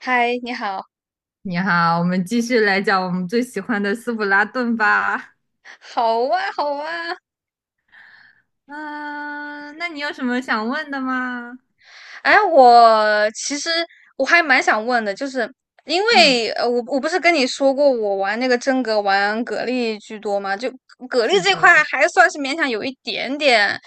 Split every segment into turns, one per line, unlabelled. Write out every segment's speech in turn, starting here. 嗨，你好，
你好，我们继续来讲我们最喜欢的斯普拉顿吧。
好啊，好啊。
嗯、那你有什么想问的吗？
哎，我其实我还蛮想问的，就是因
嗯，
为我不是跟你说过我玩那个真格玩蛤蜊居多吗？就蛤蜊
是
这块
的。
还算是勉强有一点点，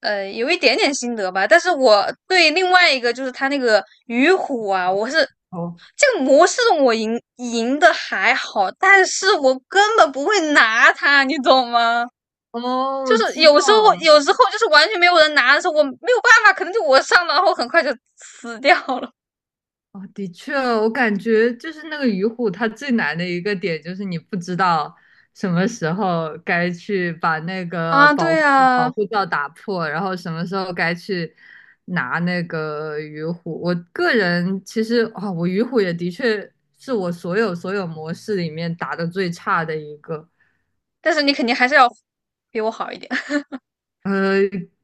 有一点点心得吧。但是我对另外一个就是他那个鱼虎啊，
哦
这个模式我赢的还好，但是我根本不会拿它，你懂吗？
哦，
就
我
是
知道
有时候
了。
有时候就是完全没有人拿的时候，我没有办法，可能就我上了，然后很快就死掉了
哦，的确，我感觉就是那个鱼虎，它最难的一个点就是你不知道什么时候该去把那个
啊。
保
对
护保
啊，
护罩打破，然后什么时候该去拿那个鱼虎。我个人其实啊，我鱼虎也的确是我所有模式里面打的最差的一个。
但是你肯定还是要比我好一点。
呃，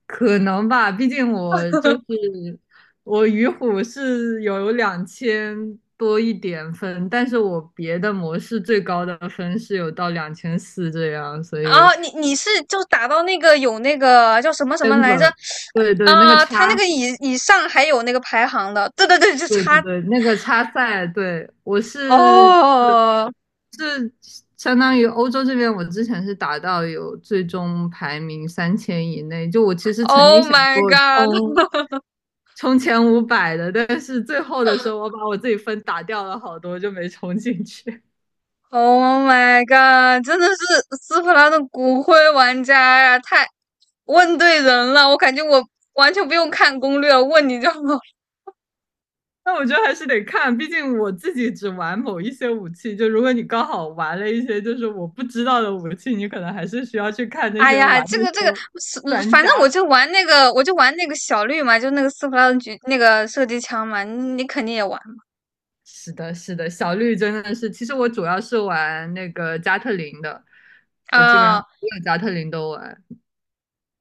可能吧，毕竟我就 是我鱼虎是有两千多一点分，但是我别的模式最高的分是有到2400这样，所以
啊，你是就打到那个有那个叫什么什么
真
来着？
个对对，那个
啊，他那
差，
个以上还有那个排行的，对对对，就
对对
差
对，那个差赛，对，我是
哦
是相当于欧洲这边，我之前是打到有最终排名3000以内，就我其实曾经
，Oh
想
my
过
god！
冲。充前500的，但是最后的时候我把我自己分打掉了好多，就没充进去。
Oh my god！真的是斯普拉的骨灰玩家呀、啊太问对人了。我感觉我完全不用看攻略，问你就好。
但我觉得还是得看，毕竟我自己只玩某一些武器。就如果你刚好玩了一些就是我不知道的武器，你可能还是需要去看那
哎
些
呀，
玩那些专
反正我
家。
就玩那个，我就玩那个小绿嘛，就那个斯普拉的狙那个射击枪嘛，你肯定也玩
是的，是的，小绿真的是，其实我主要是玩那个加特林的，我基本上
啊
所有加特林都玩。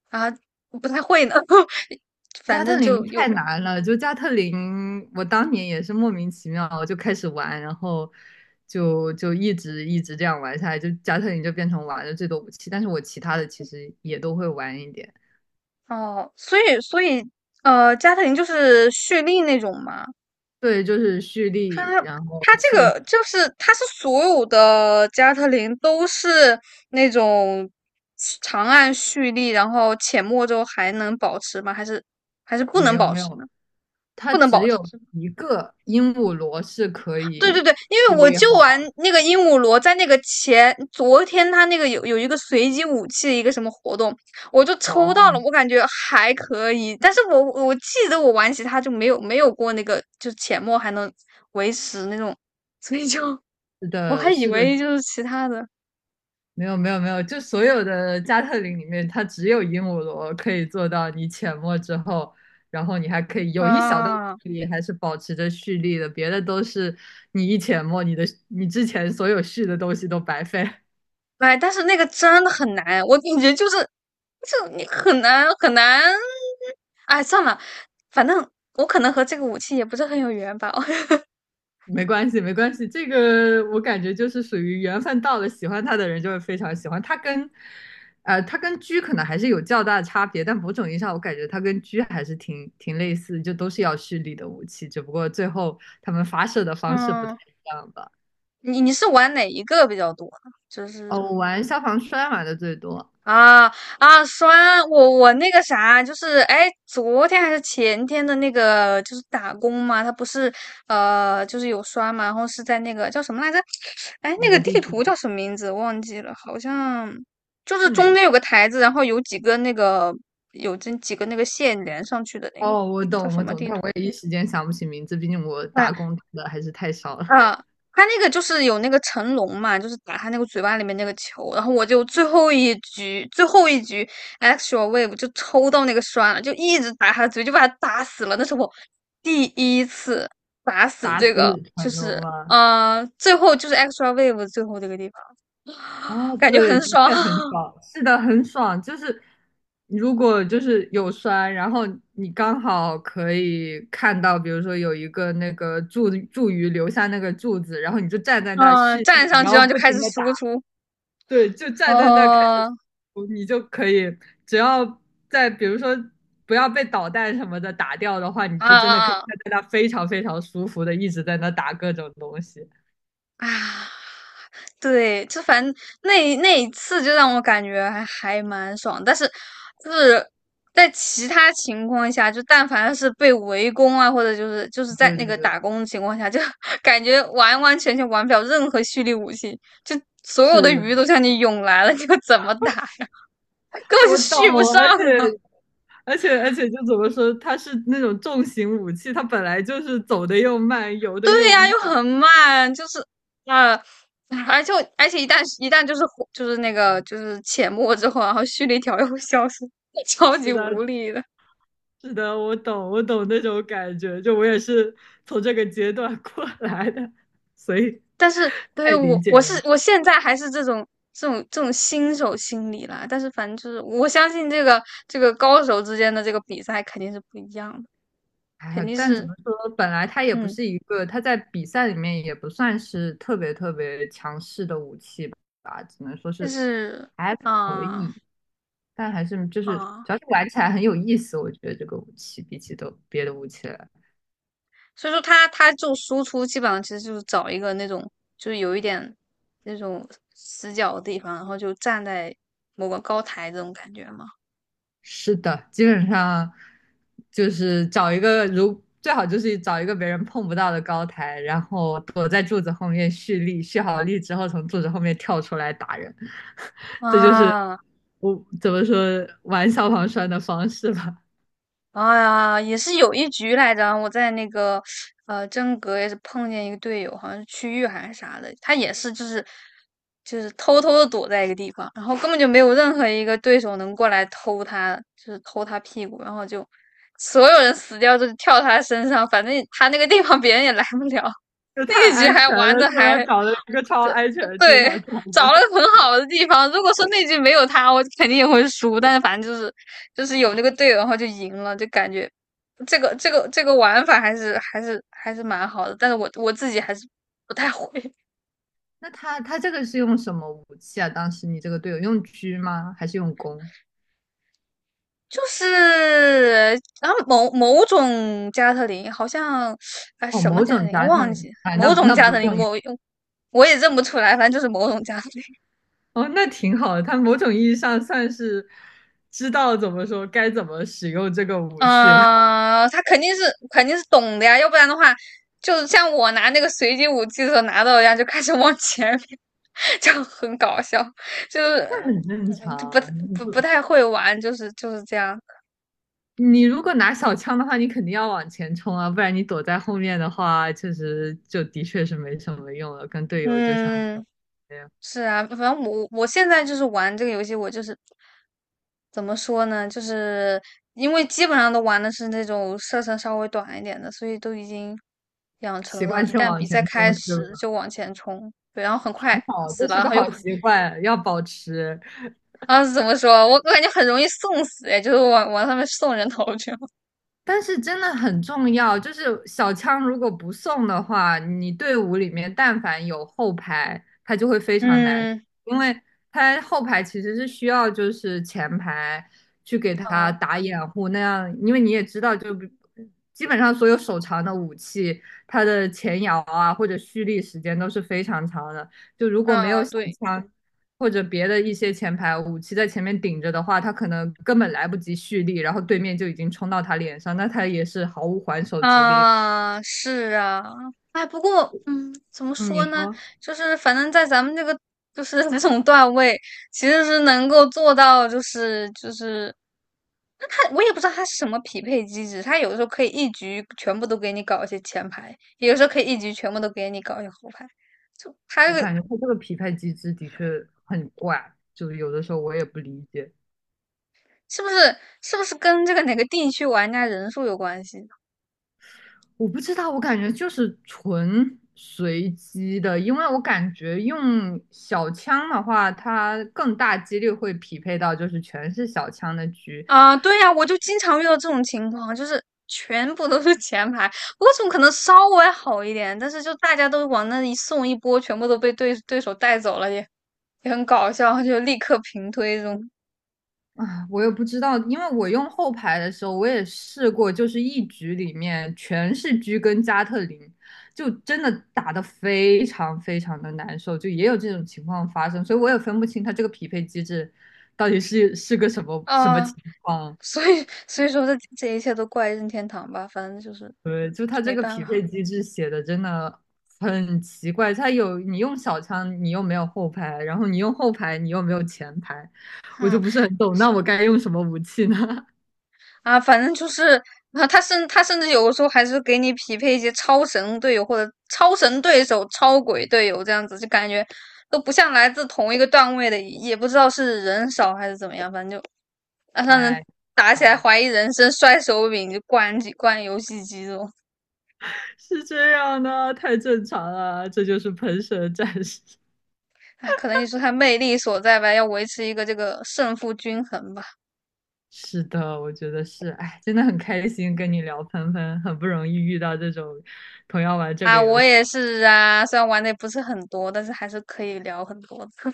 啊，不太会呢。反
加特
正
林
就有
太难了，就加特林，我当年也是莫名其妙我就开始玩，然后就一直这样玩下来，就加特林就变成玩的最多武器，但是我其他的其实也都会玩一点。
哦，所以加特林就是蓄力那种嘛。
对，就是蓄
它
力，然后
它这
射，
个就是它是所有的加特林都是那种长按蓄力，然后浅墨之后还能保持吗？还是不
没
能
有
保
没
持呢？
有，它
不能
只
保持
有
是吗？
一个鹦鹉螺是可
对对
以
对，因
蓄
为我
力
就
好吧？
玩那个鹦鹉螺，在那个前昨天他那个有一个随机武器的一个什么活动，我就抽到了，
哦，
我感觉还可以，但是我记得我玩其他就没有过那个，就是浅墨还能维持那种，所以就
是
我还
的，
以
是的，
为就是其他的
没有没有没有，就所有的加特林里面，它只有鹦鹉螺可以做到你潜没之后，然后你还可以有一小段
啊，
距离还是保持着蓄力的，别的都是你一潜没，你之前所有蓄的东西都白费。
哎，但是那个真的很难，我感觉就是，就你很难很难，哎，算了，反正我可能和这个武器也不是很有缘吧。
没关系，没关系，这个我感觉就是属于缘分到了，喜欢他的人就会非常喜欢他跟，他跟狙可能还是有较大的差别，但某种意义上我感觉他跟狙还是挺类似，就都是要蓄力的武器，只不过最后他们发射的方式不太
嗯，
一样吧。
你是玩哪一个比较多呢就
哦，
是
我玩消防栓玩的最多，
啊啊，刷我那个啥，就是哎，昨天还是前天的那个，就是打工嘛，他不是就是有刷嘛，然后是在那个叫什么来着？哎，那
哪
个
个地
地图
图
叫什么名字？忘记了，好像就是
是哪
中
个
间有个台子，然后有这几个那个线连上去的那个
哦，我
叫
懂，
什
我
么
懂，
地
但我
图？
也一时间想不起名字，毕竟我打工打的还是太少了，
啊，他那个就是有那个成龙嘛，就是打他那个嘴巴里面那个球，然后我就最后一局 extra wave 就抽到那个栓了，就一直打他的嘴，就把他打死了。那是我第一次打 死
打
这个，
死
就
蠢龙
是
吗？
最后就是 extra wave 最后这个地方，
啊，
感觉
对，
很
的
爽。
确很 爽，是的，很爽。就是如果就是有摔，然后你刚好可以看到，比如说有一个那个柱柱鱼留下那个柱子，然后你就站在那蓄
嗯、站
力，
上
然
去
后
然后就
不
开
停
始
的打，
输出，
对，就站在那开始，
哦
哦你就可以，只要在比如说不要被导弹什么的打掉的话，你
啊
就真的
啊
可以站
啊！
在那非常非常舒服的一直在那打各种东西。
啊，对，就反正那一次就让我感觉还蛮爽，但是就是在其他情况下，就但凡是被围攻啊，或者就是在
对
那
对
个打
对，
工的情况下，就 感觉完完全全玩不了任何蓄力武器，就所有的鱼都
是
向你涌来了，你要怎么打呀？根本就
我懂，
续不上
而且。
啊！
而且就怎么说，它是那种重型武器，它本来就是走的又慢，游的
对
又
呀，又
慢。
很慢，就是啊，而且我一旦就是火就是那个就是浅没之后，然后蓄力条又会消失，超
是
级
的，
无力的。
是的，我懂，我懂那种感觉。就我也是从这个阶段过来的，所以
但是对于
太理
我
解了。
我现在还是这种新手心理啦，但是反正就是我相信这个高手之间的这个比赛肯定是不一样的，
哎
肯
呀
定
但怎
是
么说，本来它也不
嗯，
是一个，它在比赛里面也不算是特别强势的武器吧，只能说
但
是
是
还可
啊
以。但还是就是，
啊。
主要是玩起来很有意思，我觉得这个武器比起都别的武器来。
所以说他就输出基本上其实就是找一个那种就是有一点那种死角的地方，然后就站在某个高台这种感觉嘛。
是的，基本上就是找一个如最好就是找一个别人碰不到的高台，然后躲在柱子后面蓄力，蓄好力之后从柱子后面跳出来打人，这就是
啊，
我怎么说玩消防栓的方式吧。
哎呀，也是有一局来着，我在那个呃真格也是碰见一个队友，好像是区域还是啥的，他也是就是偷偷的躲在一个地方，然后根本就没有任何一个对手能过来偷他，就是偷他屁股，然后就所有人死掉就跳他身上，反正他那个地方别人也来不了。
就 太
那一局
安全
还玩
了，
的
是
还
吧？找了一个超
对
安全的地方
对，
找
找了
的。
个很好的地方。如果说那局没有他，我肯定也会输。但是反正就是有那个队友，然后就赢了，就感觉这个玩法还是蛮好的。但是我自己还是不太会。
那他这个是用什么武器啊？当时你这个队友用狙吗？还是用弓？
就是然后某种加特林，好像啊
哦，
什么
某
加特
种
林
加上
忘
你，
记，
哎，那
某种
那
加
不
特林
重要。
我也认不出来，反正就是某种加特林。
哦，那挺好的，他某种意义上算是知道怎么说该怎么使用这个武器吧，
嗯、呃他肯定是懂的呀，要不然的话，就像我拿那个随机武器的时候拿到一样，就开始往前面，就很搞笑，就
那
是
很正
嗯
常啊你不
不太会玩，就是这样，
你如果拿小枪的话，你肯定要往前冲啊，不然你躲在后面的话，确实就的确是没什么用了。跟队友就像说
嗯。
的一样，
是啊，反正我现在就是玩这个游戏，我就是怎么说呢，就是因为基本上都玩的是那种射程稍微短一点的，所以都已经养成
习
了，
惯
一
性
旦
往
比赛
前
开
冲是
始
吧？
就往前冲，对，然后很快
好，
死
这
了，
是
然
个
后又
好习惯，要保持。
啊怎么说，我感觉很容易送死，哎，就是往上面送人头去了。
但是真的很重要，就是小枪如果不送的话，你队伍里面但凡有后排，他就会非常难，
嗯，
因为他后排其实是需要就是前排去给他
啊
打掩护，那样，因为你也知道，就比基本上所有手长的武器，它的前摇啊或者蓄力时间都是非常长的，就如果没有
啊，
小
对。
枪，或者别的一些前排武器在前面顶着的话，他可能根本来不及蓄力，然后对面就已经冲到他脸上，那他也是毫无还手之力。
啊，是啊，哎，不过，嗯，怎么
嗯，你
说呢？
说，
就是反正在咱们这个就是 这种段位，其实是能够做到，那他我也不知道他是什么匹配机制，他有的时候可以一局全部都给你搞一些前排，有的时候可以一局全部都给你搞一些后排，就他这
我
个
感觉他这个匹配机制的确很怪，就有的时候我也不理解，
是不是是不是跟这个哪个地区玩家人数有关系？
我不知道，我感觉就是纯随机的，因为我感觉用小枪的话，它更大几率会匹配到就是全是小枪的局，
啊，对呀，我就经常遇到这种情况，就是全部都是前排，我总可能稍微好一点，但是就大家都往那一送一波，全部都被对手带走了，也很搞笑，就立刻平推这种
啊，我也不知道，因为我用后排的时候，我也试过，就是一局里面全是狙跟加特林，就真的打得非常非常的难受，就也有这种情况发生，所以我也分不清它这个匹配机制到底是个什么什么情
啊，
况。
所以说这一切都怪任天堂吧，反正就是
对，就
就
它这
没
个匹
办
配
法，
机制写的真的很奇怪，它有你用小枪，你又没有后排，然后你用后排，你又没有前排，我就
哼。
不是很懂，那我该用什么武器呢？
啊，反正就是啊，他甚至有的时候还是给你匹配一些超神队友或者超神对手、超鬼队友这样子，就感觉都不像来自同一个段位的，也不知道是人少还是怎么样，反正就啊让人
太。
打起来
长。
怀疑人生、摔手柄、就灌机、灌游戏机这种。
是这样的，太正常了，这就是喷射战士。
哎，可能也是他魅力所在吧，要维持一个这个胜负均衡吧。
是的，我觉得是，哎，真的很开心跟你聊喷喷，很不容易遇到这种同样玩这个
啊，我
游戏。
也是啊，虽然玩的也不是很多，但是还是可以聊很多的。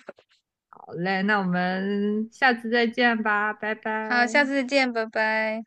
好嘞，那我们下次再见吧，拜
好，
拜。
下次再见，拜拜。